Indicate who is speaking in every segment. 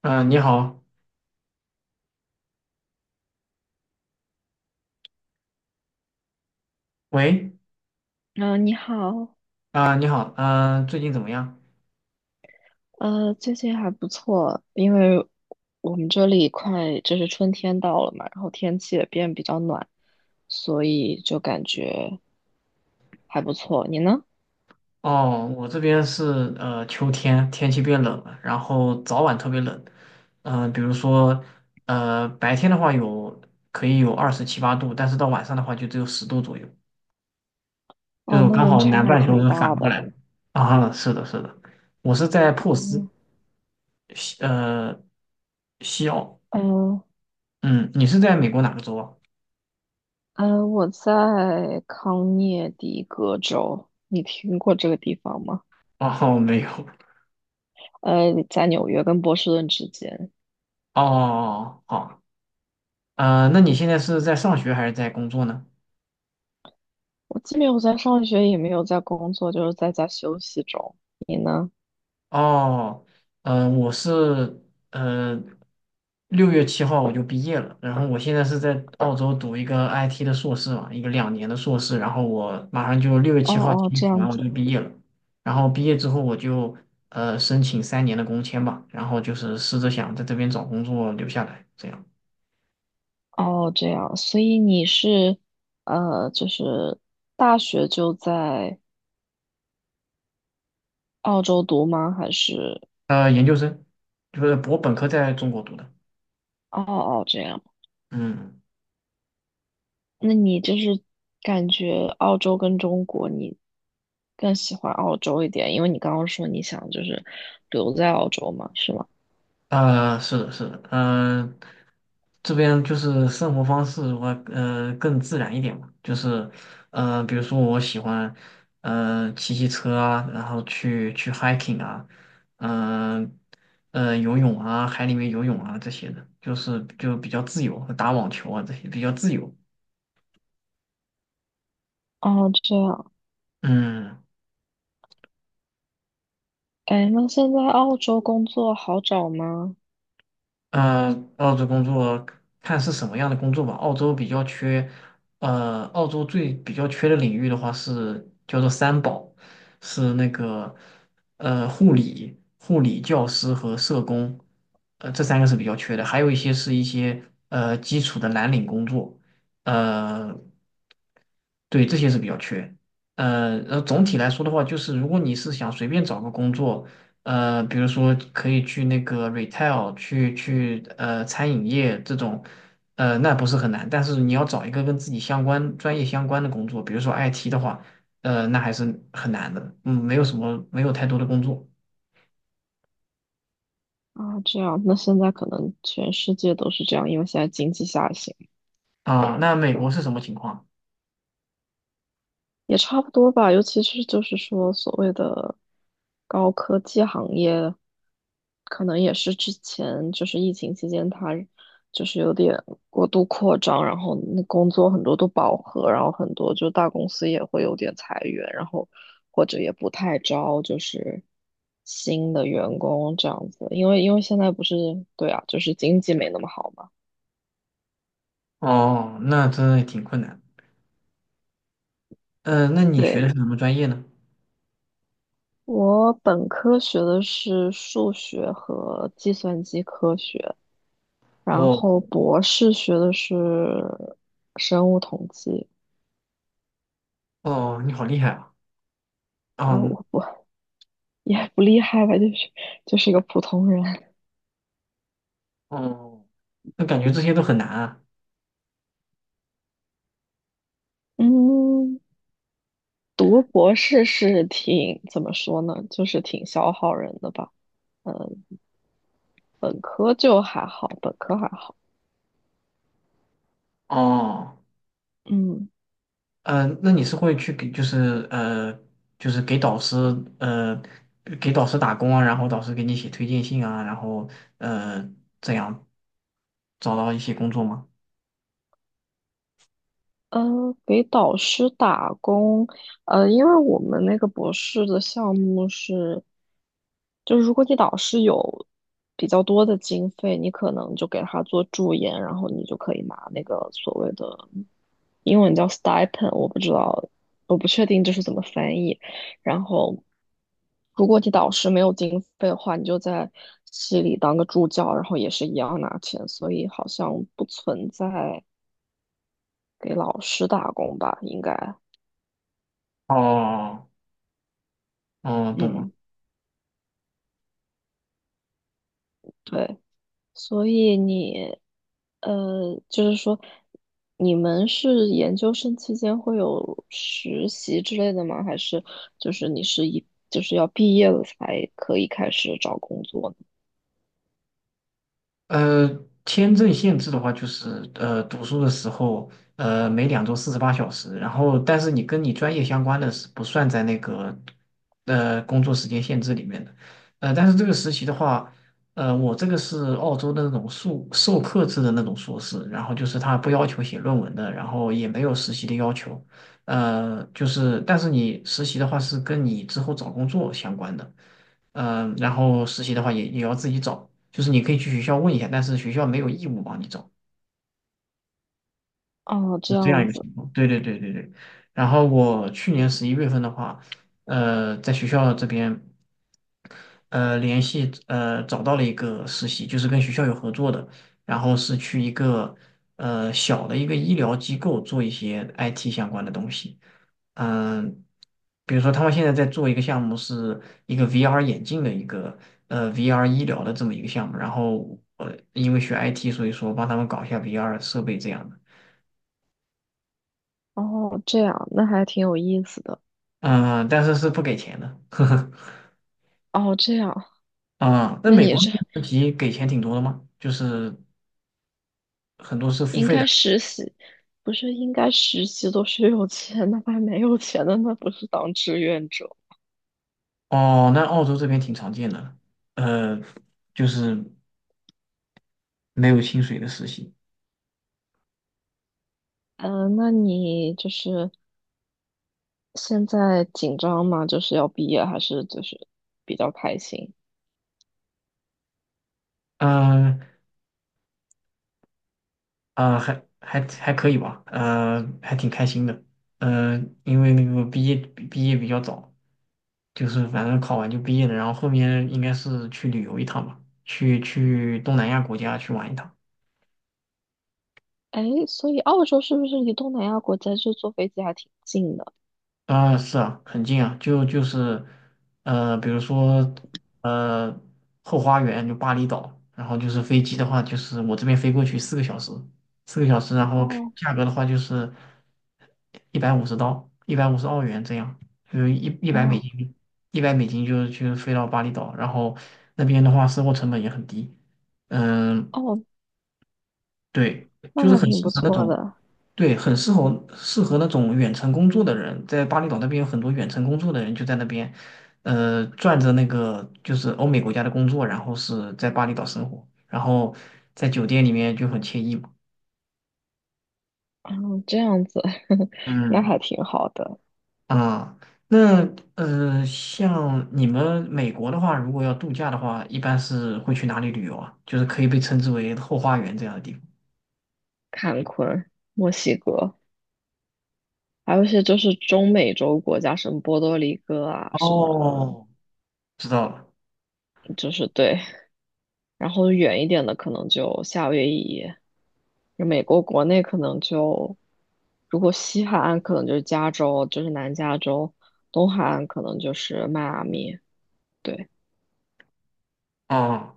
Speaker 1: 你好。喂。
Speaker 2: 嗯，你好。
Speaker 1: 啊，你好。嗯、最近怎么样？
Speaker 2: 最近还不错，因为我们这里快就是春天到了嘛，然后天气也变比较暖，所以就感觉还不错。你呢？
Speaker 1: 哦，我这边是秋天，天气变冷了，然后早晚特别冷。比如说白天的话可以有二十七八度，但是到晚上的话就只有10度左右。就是
Speaker 2: 哦，
Speaker 1: 我
Speaker 2: 那
Speaker 1: 刚
Speaker 2: 温
Speaker 1: 好
Speaker 2: 差
Speaker 1: 南
Speaker 2: 还
Speaker 1: 半球
Speaker 2: 挺
Speaker 1: 是反
Speaker 2: 大
Speaker 1: 过
Speaker 2: 的。
Speaker 1: 来的啊。是的，是的。我是在珀斯，
Speaker 2: 嗯，
Speaker 1: 西呃西澳。
Speaker 2: 呃，
Speaker 1: 嗯，你是在美国哪个州啊？
Speaker 2: 我在康涅狄格州，你听过这个地方吗？
Speaker 1: 哦，没有。
Speaker 2: 在纽约跟波士顿之间。
Speaker 1: 哦，好。啊，那你现在是在上学还是在工作呢？
Speaker 2: 我既没有在上学，也没有在工作，就是在家休息中。你呢？
Speaker 1: 哦，嗯、我是呃六月七号我就毕业了，然后我现在是在澳洲读一个 IT 的硕士嘛，一个2年的硕士，然后我马上就六月
Speaker 2: 哦
Speaker 1: 七号
Speaker 2: 哦，
Speaker 1: 提
Speaker 2: 这
Speaker 1: 前
Speaker 2: 样
Speaker 1: 完我
Speaker 2: 子。
Speaker 1: 就毕业了。然后毕业之后我就申请3年的工签吧，然后就是试着想在这边找工作留下来，这样。
Speaker 2: 哦，这样，所以你是就是大学就在澳洲读吗？还是
Speaker 1: 研究生就是我本科在中国读的。
Speaker 2: 哦哦这样？
Speaker 1: 嗯。
Speaker 2: 那你就是感觉澳洲跟中国，你更喜欢澳洲一点，因为你刚刚说你想就是留在澳洲嘛，是吗？
Speaker 1: 是的，是的，这边就是生活方式的话，更自然一点嘛。就是比如说我喜欢骑骑车啊，然后去 hiking 啊，嗯游泳啊，海里面游泳啊这些的，就是就比较自由，打网球啊这些比较自由。
Speaker 2: 哦，这样。
Speaker 1: 嗯。
Speaker 2: 哎，那现在澳洲工作好找吗？
Speaker 1: 嗯，澳洲工作看是什么样的工作吧。澳洲比较缺，澳洲最比较缺的领域的话是叫做三宝，是那个护理、护理教师和社工，这三个是比较缺的。还有一些是一些基础的蓝领工作。呃对，这些是比较缺。总体来说的话，就是如果你是想随便找个工作，比如说可以去那个 retail，去餐饮业这种，那不是很难。但是你要找一个跟自己相关、专业相关的工作，比如说 IT 的话，那还是很难的。嗯，没有什么，没有太多的工作
Speaker 2: 啊，这样，那现在可能全世界都是这样，因为现在经济下行。
Speaker 1: 啊。那美国是什么情况？
Speaker 2: 也差不多吧，尤其是就是说所谓的高科技行业，可能也是之前就是疫情期间它就是有点过度扩张，然后那工作很多都饱和，然后很多就大公司也会有点裁员，然后或者也不太招就是新的员工这样子，因为现在不是对啊，就是经济没那么好嘛。
Speaker 1: 哦，那真的挺困难。嗯、那你学
Speaker 2: 对，
Speaker 1: 的是什么专业呢？
Speaker 2: 我本科学的是数学和计算机科学，然
Speaker 1: 哦
Speaker 2: 后博士学的是生物统计。
Speaker 1: 哦，你好厉害啊！
Speaker 2: 啊，
Speaker 1: 哦
Speaker 2: 我不也不厉害吧，就是一个普通人。
Speaker 1: 哦。那感觉这些都很难啊。
Speaker 2: 嗯，读博士是挺怎么说呢，就是挺消耗人的吧。嗯，本科就还好，本科还好。
Speaker 1: 哦，
Speaker 2: 嗯。
Speaker 1: 嗯，那你是会去给就是呃就是给导师呃打工啊，然后导师给你写推荐信啊，然后呃这样找到一些工作吗？
Speaker 2: 呃，给导师打工，因为我们那个博士的项目是，就是如果你导师有比较多的经费，你可能就给他做助研，然后你就可以拿那个所谓的英文叫 stipend,我不知道，我不确定这是怎么翻译。然后，如果你导师没有经费的话，你就在系里当个助教，然后也是一样拿钱，所以好像不存在给老师打工吧，应该。
Speaker 1: 哦哦，懂了。
Speaker 2: 嗯，对，所以你，就是说，你们是研究生期间会有实习之类的吗？还是就是你是一就是要毕业了才可以开始找工作呢？
Speaker 1: 呃，签证限制的话，就是读书的时候，每2周48小时，然后但是你跟你专业相关的是不算在那个工作时间限制里面的。但是这个实习的话，我这个是澳洲的那种授课制的那种硕士，然后就是他不要求写论文的，然后也没有实习的要求。就是但是你实习的话是跟你之后找工作相关的。然后实习的话也要自己找，就是你可以去学校问一下，但是学校没有义务帮你找，
Speaker 2: 哦，
Speaker 1: 是
Speaker 2: 这
Speaker 1: 这样
Speaker 2: 样
Speaker 1: 一个
Speaker 2: 子。
Speaker 1: 情况。对对对对对。然后我去年11月份的话，在学校这边联系找到了一个实习，就是跟学校有合作的，然后是去小的一个医疗机构做一些 IT 相关的东西。嗯，比如说他们现在在做一个项目，是一个 VR 眼镜的一个VR 医疗的这么一个项目，然后我因为学 IT，所以说帮他们搞一下 VR 设备这样的。
Speaker 2: 哦，这样，那还挺有意思的。
Speaker 1: 嗯，但是是不给钱的，呵呵。
Speaker 2: 哦，这样，
Speaker 1: 啊，那
Speaker 2: 那
Speaker 1: 美
Speaker 2: 你
Speaker 1: 国
Speaker 2: 这
Speaker 1: 实习给钱挺多的吗？就是很多是付
Speaker 2: 应
Speaker 1: 费的。
Speaker 2: 该实习，不是应该实习都是有钱的，还没有钱的，那不是当志愿者。
Speaker 1: 哦，那澳洲这边挺常见的，呃，就是没有薪水的实习。
Speaker 2: 嗯，那你就是现在紧张吗？就是要毕业，还是就是比较开心？
Speaker 1: 呃还可以吧，还挺开心的，因为那个毕业比较早，就是反正考完就毕业了，然后后面应该是去旅游一趟吧，去东南亚国家去玩一趟。
Speaker 2: 哎，所以澳洲是不是离东南亚国家就坐飞机还挺近的？
Speaker 1: 啊，是啊，很近啊，就是，比如说，呃，后花园就巴厘岛，然后就是飞机的话，就是我这边飞过去四个小时，四个小时，然后
Speaker 2: 哦。
Speaker 1: 价格的话就是150刀，150澳元这样，就是一百美
Speaker 2: 哇。
Speaker 1: 金，一百美金就飞到巴厘岛，然后那边的话生活成本也很低。嗯，
Speaker 2: 哦，
Speaker 1: 对，
Speaker 2: 那
Speaker 1: 就是
Speaker 2: 还
Speaker 1: 很
Speaker 2: 挺
Speaker 1: 适
Speaker 2: 不
Speaker 1: 合那
Speaker 2: 错
Speaker 1: 种。
Speaker 2: 的。
Speaker 1: 对，很适合那种远程工作的人，在巴厘岛那边有很多远程工作的人就在那边，赚着那个就是欧美国家的工作，然后是在巴厘岛生活，然后在酒店里面就很惬意嘛。
Speaker 2: 嗯，这样子。那
Speaker 1: 嗯。
Speaker 2: 还挺好的。
Speaker 1: 啊，那像你们美国的话，如果要度假的话，一般是会去哪里旅游啊？就是可以被称之为后花园这样的地方。
Speaker 2: 坎昆、墨西哥，还有一些就是中美洲国家，什么波多黎各啊，什么
Speaker 1: 哦，知道了。
Speaker 2: 就是对。然后远一点的可能就夏威夷，美国国内可能就，如果西海岸可能就是加州，就是南加州，东海岸可能就是迈阿密，对，
Speaker 1: 哦，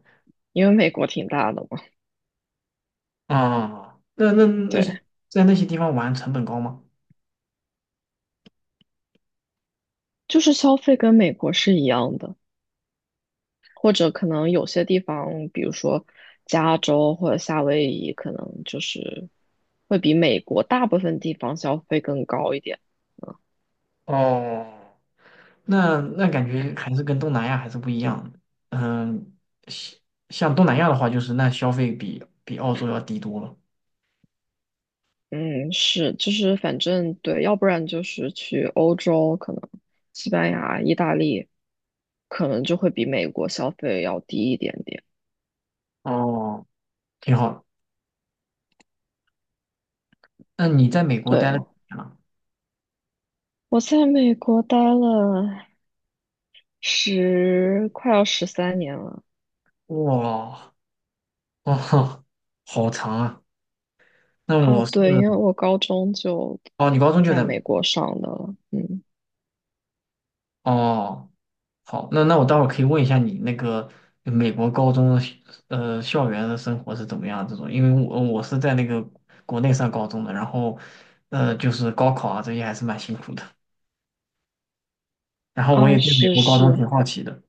Speaker 2: 因为美国挺大的嘛。
Speaker 1: 哦，那
Speaker 2: 对，
Speaker 1: 在那些地方玩成本高吗？
Speaker 2: 就是消费跟美国是一样的，或者可能有些地方，比如说加州或者夏威夷，可能就是会比美国大部分地方消费更高一点。
Speaker 1: 哦，那感觉还是跟东南亚还是不一样的。嗯，像像东南亚的话，就是那消费比澳洲要低多了。
Speaker 2: 嗯，是，就是反正对，要不然就是去欧洲，可能西班牙、意大利，可能就会比美国消费要低一点点。
Speaker 1: 哦，挺好。那你在美国待
Speaker 2: 对，
Speaker 1: 了几年了？
Speaker 2: 我在美国待了快要13年了。
Speaker 1: 哇，哦，好长啊。那
Speaker 2: 啊。
Speaker 1: 我是。
Speaker 2: 对，因为我高中就
Speaker 1: 哦，你高中就
Speaker 2: 在
Speaker 1: 在
Speaker 2: 美
Speaker 1: 美
Speaker 2: 国上的了。嗯。
Speaker 1: 国哦。好，那我待会儿可以问一下你那个美国高中的校园的生活是怎么样这种，因为我是在那个国内上高中的，然后就是高考啊这些还是蛮辛苦的，然后我
Speaker 2: 啊，
Speaker 1: 也对美
Speaker 2: 是
Speaker 1: 国高中挺
Speaker 2: 是，
Speaker 1: 好奇的。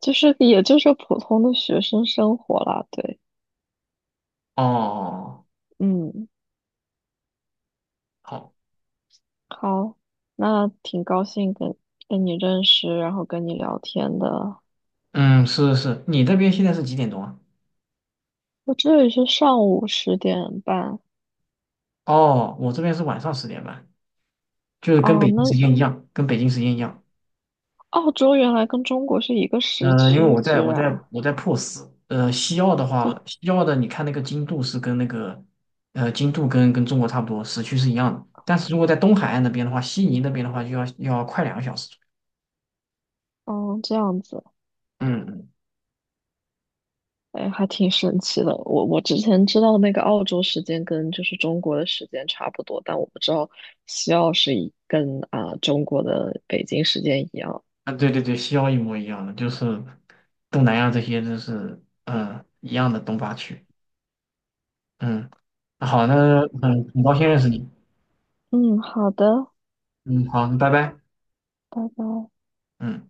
Speaker 2: 就是也就是普通的学生生活啦。对。
Speaker 1: 哦，
Speaker 2: 嗯。
Speaker 1: 好，
Speaker 2: 好，那挺高兴跟你认识，然后跟你聊天的。
Speaker 1: 嗯，是是，你那边现在是几点钟啊？
Speaker 2: 我这里是上午10:30。
Speaker 1: 哦，我这边是晚上10点半，就是跟
Speaker 2: 啊，
Speaker 1: 北京时
Speaker 2: 那
Speaker 1: 间一样，跟北京时间一样。
Speaker 2: 澳洲原来跟中国是一个时
Speaker 1: 因为
Speaker 2: 区，居然，
Speaker 1: 我在 POS，西澳的
Speaker 2: 这，
Speaker 1: 话，西澳的你看那个经度是跟那个，经度跟中国差不多，时区是一样的。但是如果在东海岸那边的话，悉尼那边的话就要快2个小时左
Speaker 2: 嗯，这样子，
Speaker 1: 右。嗯嗯。
Speaker 2: 哎，还挺神奇的。我之前知道那个澳洲时间跟就是中国的时间差不多，但我不知道西澳是一跟啊、中国的北京时间一样。
Speaker 1: 啊，对对对，西澳一模一样的，就是东南亚这些都是一样的东八区。嗯，好，那很高兴认识你。
Speaker 2: 嗯，好的，
Speaker 1: 嗯，好，拜拜。
Speaker 2: 拜拜。
Speaker 1: 嗯。